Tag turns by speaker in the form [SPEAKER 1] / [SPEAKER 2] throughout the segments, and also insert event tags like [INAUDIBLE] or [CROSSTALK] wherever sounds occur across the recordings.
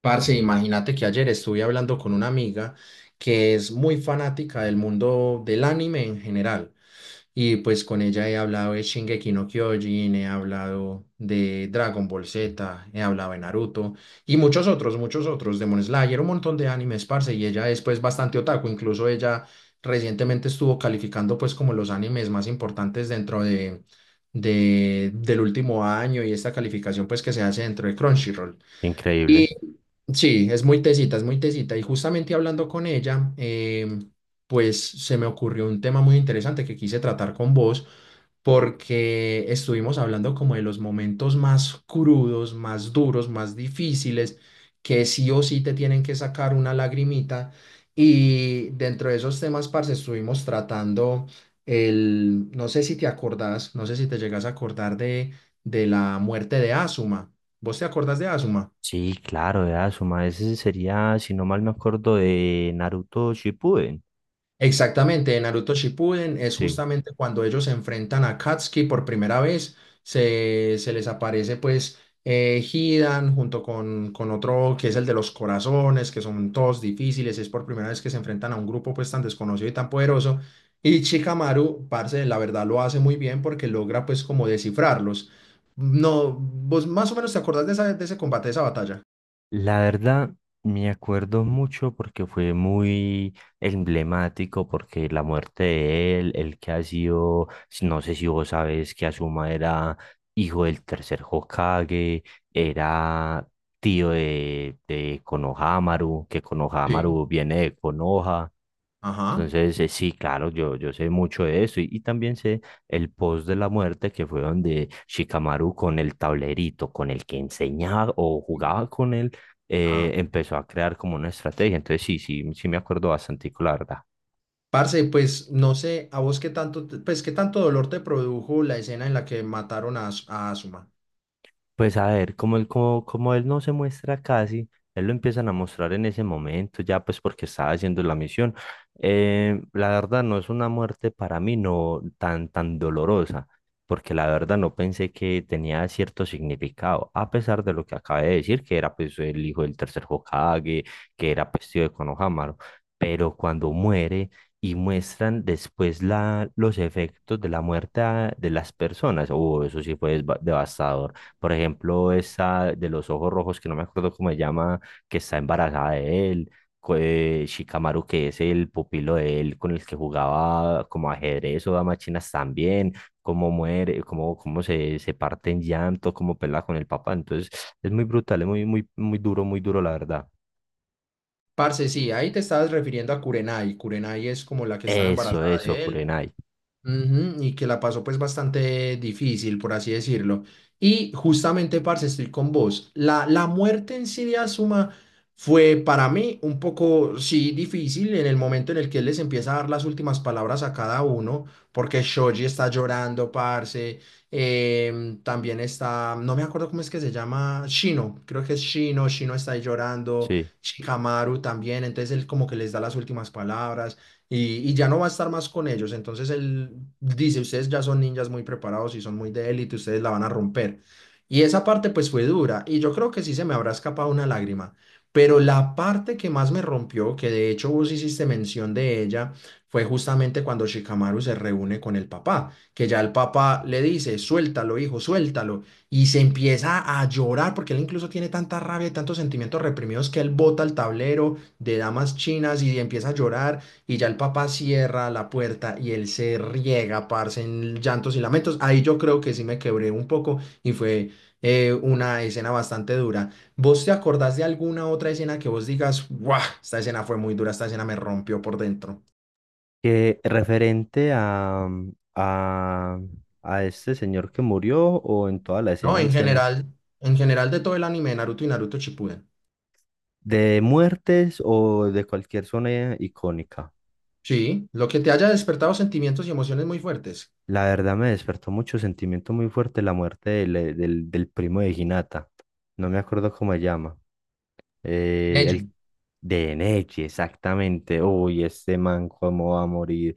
[SPEAKER 1] Parce, imagínate que ayer estuve hablando con una amiga que es muy fanática del mundo del anime en general. Y pues con ella he hablado de Shingeki no Kyojin, he hablado de Dragon Ball Z, he hablado de Naruto y muchos otros, Demon Slayer, un montón de animes, parce. Y ella es pues bastante otaku, incluso ella recientemente estuvo calificando pues como los animes más importantes dentro del último año y esta calificación pues que se hace dentro de Crunchyroll.
[SPEAKER 2] Increíble.
[SPEAKER 1] Sí, es muy tesita, es muy tesita. Y justamente hablando con ella, pues se me ocurrió un tema muy interesante que quise tratar con vos, porque estuvimos hablando como de los momentos más crudos, más duros, más difíciles, que sí o sí te tienen que sacar una lagrimita. Y dentro de esos temas, parce, estuvimos tratando el, no sé si te acordás, no sé si te llegas a acordar de la muerte de Asuma. ¿Vos te acordás de Asuma?
[SPEAKER 2] Sí, claro, de Asuma. Ese sería, si no mal me acuerdo, de Naruto Shippuden.
[SPEAKER 1] Exactamente, en Naruto Shippuden es
[SPEAKER 2] Sí.
[SPEAKER 1] justamente cuando ellos se enfrentan a Katsuki por primera vez, se les aparece pues Hidan junto con otro que es el de los corazones, que son todos difíciles, es por primera vez que se enfrentan a un grupo pues tan desconocido y tan poderoso, y Chikamaru, parce, la verdad lo hace muy bien porque logra pues como descifrarlos. No, vos más o menos te acordás de, de ese combate, de esa batalla.
[SPEAKER 2] La verdad, me acuerdo mucho porque fue muy emblemático, porque la muerte de él, el que ha sido, no sé si vos sabes que Asuma era hijo del tercer Hokage, era tío de Konohamaru, que
[SPEAKER 1] Sí.
[SPEAKER 2] Konohamaru viene de Konoha.
[SPEAKER 1] Ajá.
[SPEAKER 2] Entonces, sí, claro, yo sé mucho de eso y también sé el post de la muerte que fue donde Shikamaru con el tablerito, con el que enseñaba o jugaba con él, empezó a crear como una estrategia. Entonces, sí, sí, sí me acuerdo bastante, la verdad.
[SPEAKER 1] Parce, pues no sé, a vos qué tanto, pues qué tanto dolor te produjo la escena en la que mataron a, a Asuma.
[SPEAKER 2] Pues a ver, como él, como él no se muestra casi, él lo empiezan a mostrar en ese momento, ya pues porque estaba haciendo la misión. La verdad no es una muerte para mí no tan, tan dolorosa, porque la verdad no pensé que tenía cierto significado, a pesar de lo que acabé de decir, que era pues el hijo del tercer Hokage, que era pues tío de Konohamaru, pero cuando muere y muestran después los efectos de la muerte de las personas, oh, eso sí fue devastador. Por ejemplo, esa de los ojos rojos, que no me acuerdo cómo se llama, que está embarazada de él. Shikamaru, que es el pupilo de él con el que jugaba como ajedrez o damas chinas también, cómo muere, cómo, se parte en llanto, cómo pelea con el papá. Entonces, es muy brutal, es muy, muy, muy duro, la verdad.
[SPEAKER 1] Parce, sí, ahí te estabas refiriendo a Kurenai. Kurenai es como la que estaba, sí,
[SPEAKER 2] Eso,
[SPEAKER 1] embarazada
[SPEAKER 2] eso,
[SPEAKER 1] de él.
[SPEAKER 2] Kurenai.
[SPEAKER 1] Ujú, y que la pasó pues bastante difícil, por así decirlo. Y justamente, parce, estoy con vos. La muerte en Siria Suma fue para mí un poco, sí, difícil en el momento en el que él les empieza a dar las últimas palabras a cada uno, porque Shoji está llorando, parce. También está, no me acuerdo cómo es que se llama, Shino, creo que es Shino, Shino está ahí llorando,
[SPEAKER 2] Sí.
[SPEAKER 1] Shikamaru también, entonces él como que les da las últimas palabras y, y ya no va a estar más con ellos. Entonces él dice, ustedes ya son ninjas muy preparados y son muy de élite, ustedes la van a romper. Y esa parte pues fue dura y yo creo que sí se me habrá escapado una lágrima. Pero la parte que más me rompió, que de hecho vos hiciste mención de ella, fue justamente cuando Shikamaru se reúne con el papá, que ya el papá le dice, suéltalo, hijo, suéltalo, y se empieza a llorar porque él incluso tiene tanta rabia y tantos sentimientos reprimidos que él bota el tablero de damas chinas y empieza a llorar y ya el papá cierra la puerta y él se riega, parce, en llantos y lamentos. Ahí yo creo que sí me quebré un poco y fue una escena bastante dura. ¿Vos te acordás de alguna otra escena que vos digas, guau, esta escena fue muy dura, esta escena me rompió por dentro?
[SPEAKER 2] Que referente a, a este señor que murió o en toda la
[SPEAKER 1] No,
[SPEAKER 2] escena en escena.
[SPEAKER 1] en general de todo el anime de Naruto y Naruto Shippuden.
[SPEAKER 2] De muertes o de cualquier zona icónica.
[SPEAKER 1] Sí, lo que te haya despertado sentimientos y emociones muy fuertes.
[SPEAKER 2] La verdad me despertó mucho sentimiento muy fuerte la muerte del, del, del primo de Hinata. No me acuerdo cómo se llama.
[SPEAKER 1] Neji.
[SPEAKER 2] El De Nechi, exactamente. Uy, este man, cómo va a morir,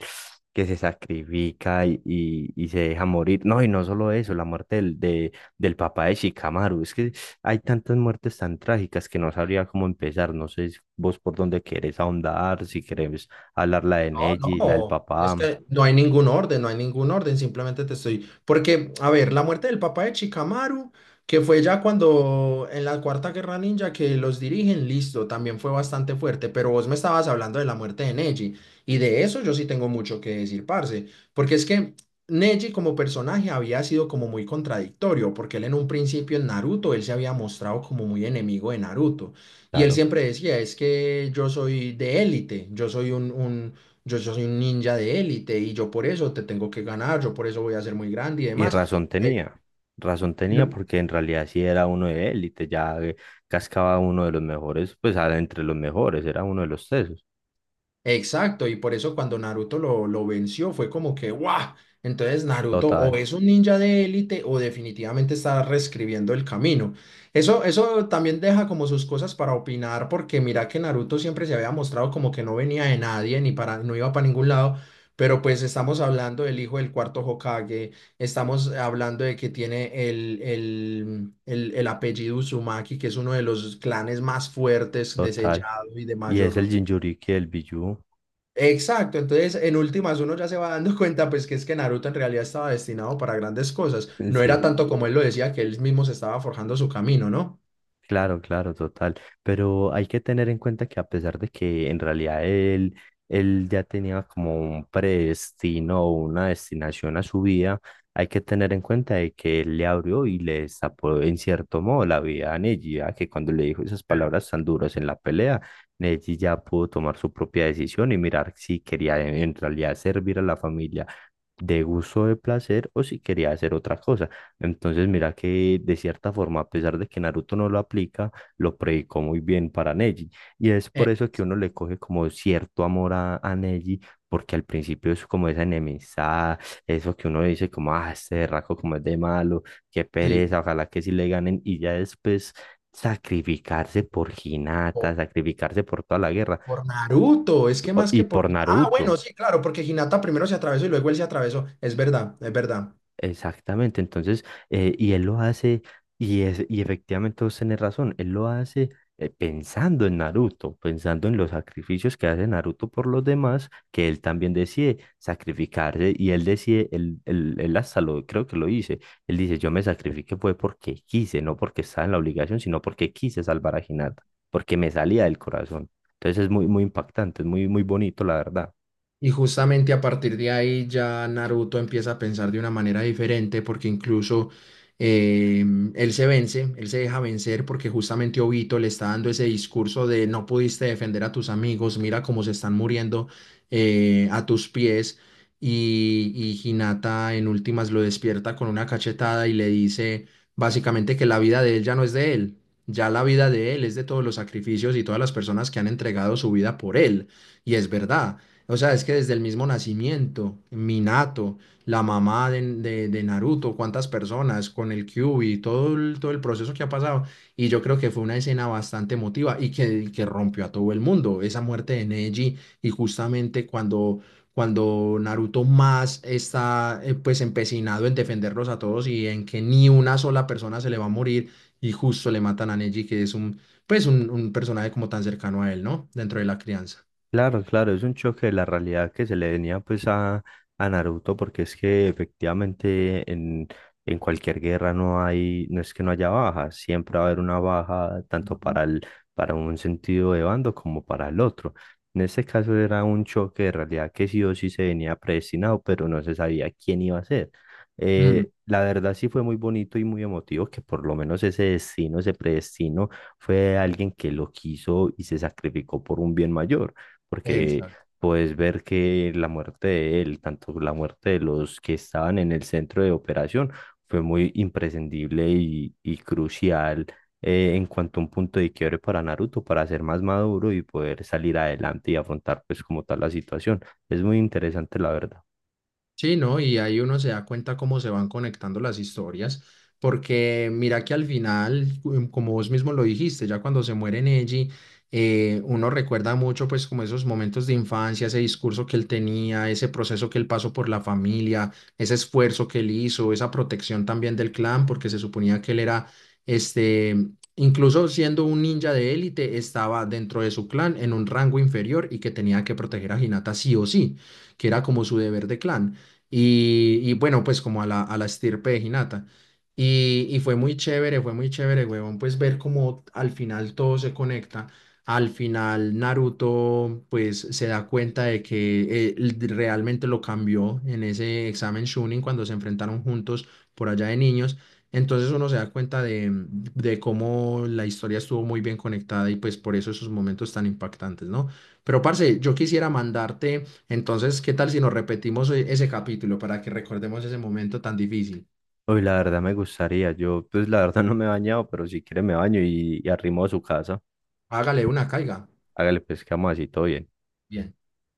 [SPEAKER 2] que se sacrifica y se deja morir. No, y no solo eso, la muerte del papá de Shikamaru. Es que hay tantas muertes tan trágicas que no sabría cómo empezar. No sé si vos por dónde querés ahondar, si querés hablar la de
[SPEAKER 1] No,
[SPEAKER 2] Neji, la del
[SPEAKER 1] no, es
[SPEAKER 2] papá,
[SPEAKER 1] que no hay ningún orden, no hay ningún orden, simplemente te estoy... Porque, a ver, la muerte del papá de Chikamaru, que fue ya cuando en la Cuarta Guerra Ninja que los dirigen, listo, también fue bastante fuerte, pero vos me estabas hablando de la muerte de Neji, y de eso yo sí tengo mucho que decir, parce, porque es que Neji como personaje había sido como muy contradictorio, porque él en un principio en Naruto, él se había mostrado como muy enemigo de Naruto, y él
[SPEAKER 2] claro.
[SPEAKER 1] siempre decía, es que yo soy de élite, yo soy yo, yo soy un ninja de élite y yo por eso te tengo que ganar, yo por eso voy a ser muy grande y
[SPEAKER 2] Y
[SPEAKER 1] demás. Y
[SPEAKER 2] razón tenía porque en realidad sí era uno de élite, ya cascaba uno de los mejores, pues era entre los mejores, era uno de los tesos,
[SPEAKER 1] exacto, y por eso cuando Naruto lo venció fue como que ¡guau! Entonces Naruto o
[SPEAKER 2] total,
[SPEAKER 1] es un ninja de élite o definitivamente está reescribiendo el camino. Eso también deja como sus cosas para opinar porque mira que Naruto siempre se había mostrado como que no venía de nadie ni para, no iba para ningún lado, pero pues estamos hablando del hijo del cuarto Hokage, estamos hablando de que tiene el apellido Uzumaki, que es uno de los clanes más fuertes de, sí,
[SPEAKER 2] total.
[SPEAKER 1] sellado y de
[SPEAKER 2] Y es el
[SPEAKER 1] mayor
[SPEAKER 2] Jinchuriki del Bijou,
[SPEAKER 1] exacto, entonces en últimas uno ya se va dando [LAUGHS] cuenta pues que es que Naruto en realidad estaba destinado para grandes cosas, no
[SPEAKER 2] [LAUGHS]
[SPEAKER 1] era
[SPEAKER 2] sí.
[SPEAKER 1] tanto como él lo decía que él mismo se estaba forjando su camino, ¿no?
[SPEAKER 2] Claro, claro, total. Pero hay que tener en cuenta que a pesar de que en realidad él, él ya tenía como un predestino o una destinación a su vida, hay que tener en cuenta de que él le abrió y le destapó en cierto modo la vida a Neji, ya que cuando le dijo esas palabras tan duras en la pelea, Neji ya pudo tomar su propia decisión y mirar si quería en realidad servir a la familia de gusto o de placer o si quería hacer otra cosa. Entonces, mira que de cierta forma, a pesar de que Naruto no lo aplica, lo predicó muy bien para Neji. Y es
[SPEAKER 1] Eh,
[SPEAKER 2] por eso que uno le coge como cierto amor a Neji, porque al principio es como esa enemistad, eso que uno dice como, ah, este raco como es de malo, qué
[SPEAKER 1] sí,
[SPEAKER 2] pereza, ojalá que sí le ganen. Y ya después sacrificarse por Hinata,
[SPEAKER 1] po-
[SPEAKER 2] sacrificarse por toda la guerra
[SPEAKER 1] por Naruto, es que más que
[SPEAKER 2] y
[SPEAKER 1] por...
[SPEAKER 2] por
[SPEAKER 1] Ah, bueno,
[SPEAKER 2] Naruto.
[SPEAKER 1] sí, claro, porque Hinata primero se atravesó y luego él se atravesó, es verdad, es verdad.
[SPEAKER 2] Exactamente, entonces, y él lo hace, y efectivamente vos tenés razón, él lo hace pensando en Naruto, pensando en los sacrificios que hace Naruto por los demás, que él también decide sacrificarse, y él decide, él hasta lo, creo que lo dice, él dice, yo me sacrifiqué fue porque quise, no porque estaba en la obligación, sino porque quise salvar a Hinata, porque me salía del corazón. Entonces es muy, muy impactante, es muy, muy bonito, la verdad.
[SPEAKER 1] Y justamente a partir de ahí ya Naruto empieza a pensar de una manera diferente porque incluso eh, él se vence, él se deja vencer porque justamente Obito le está dando ese discurso de no pudiste defender a tus amigos, mira cómo se están muriendo a tus pies y, y Hinata en últimas lo despierta con una cachetada y le dice básicamente que la vida de él ya no es de él, ya la vida de él es de todos los sacrificios y todas las personas que han entregado su vida por él. Y es verdad. O sea, es que desde el mismo nacimiento, Minato, la mamá de Naruto, cuántas personas con el Kyuubi, todo el proceso que ha pasado. Y yo creo que fue una escena bastante emotiva y que rompió a todo el mundo. Esa muerte de Neji y justamente cuando Naruto más está pues empecinado en defenderlos a todos y en que ni una sola persona se le va a morir y justo le matan a Neji, que es un, pues un personaje como tan cercano a él, ¿no? Dentro de la crianza.
[SPEAKER 2] Claro, claro, es un choque de la realidad que se le venía pues a Naruto, porque es que efectivamente en cualquier guerra no hay, no es que no haya bajas, siempre va a haber una baja tanto para el, para un sentido de bando como para el otro. En este caso era un choque de realidad que sí o sí se venía predestinado, pero no se sabía quién iba a ser.
[SPEAKER 1] Ujú.
[SPEAKER 2] La verdad sí fue muy bonito y muy emotivo que por lo menos ese destino, ese predestino, fue alguien que lo quiso y se sacrificó por un bien mayor porque
[SPEAKER 1] Exacto.
[SPEAKER 2] puedes ver que la muerte de él, tanto la muerte de los que estaban en el centro de operación, fue muy imprescindible y crucial en cuanto a un punto de quiebre para Naruto, para ser más maduro y poder salir adelante y afrontar pues como tal la situación. Es muy interesante, la verdad.
[SPEAKER 1] Sí, ¿no? Y ahí uno se da cuenta cómo se van conectando las historias, porque mira que al final, como vos mismo lo dijiste, ya cuando se muere Neji, uno recuerda mucho pues como esos momentos de infancia, ese discurso que él tenía, ese proceso que él pasó por la familia, ese esfuerzo que él hizo, esa protección también del clan, porque se suponía que él era, este, incluso siendo un ninja de élite, estaba dentro de su clan en un rango inferior y que tenía que proteger a Hinata sí o sí, que era como su deber de clan. Y bueno, pues como a a la estirpe de Hinata. Y fue muy chévere, huevón, pues ver cómo al final todo se conecta. Al final Naruto pues se da cuenta de que realmente lo cambió en ese examen Chunin cuando se enfrentaron juntos por allá de niños. Entonces uno se da cuenta de cómo la historia estuvo muy bien conectada y pues por eso esos momentos tan impactantes, ¿no? Pero parce, yo quisiera mandarte entonces, ¿qué tal si nos repetimos ese capítulo para que recordemos ese momento tan difícil?
[SPEAKER 2] Hoy la verdad me gustaría, yo pues la verdad no me he bañado, pero si quiere me baño y arrimo a su casa.
[SPEAKER 1] Hágale una, caiga.
[SPEAKER 2] Hágale pues que vamos así, todo bien.
[SPEAKER 1] Bien.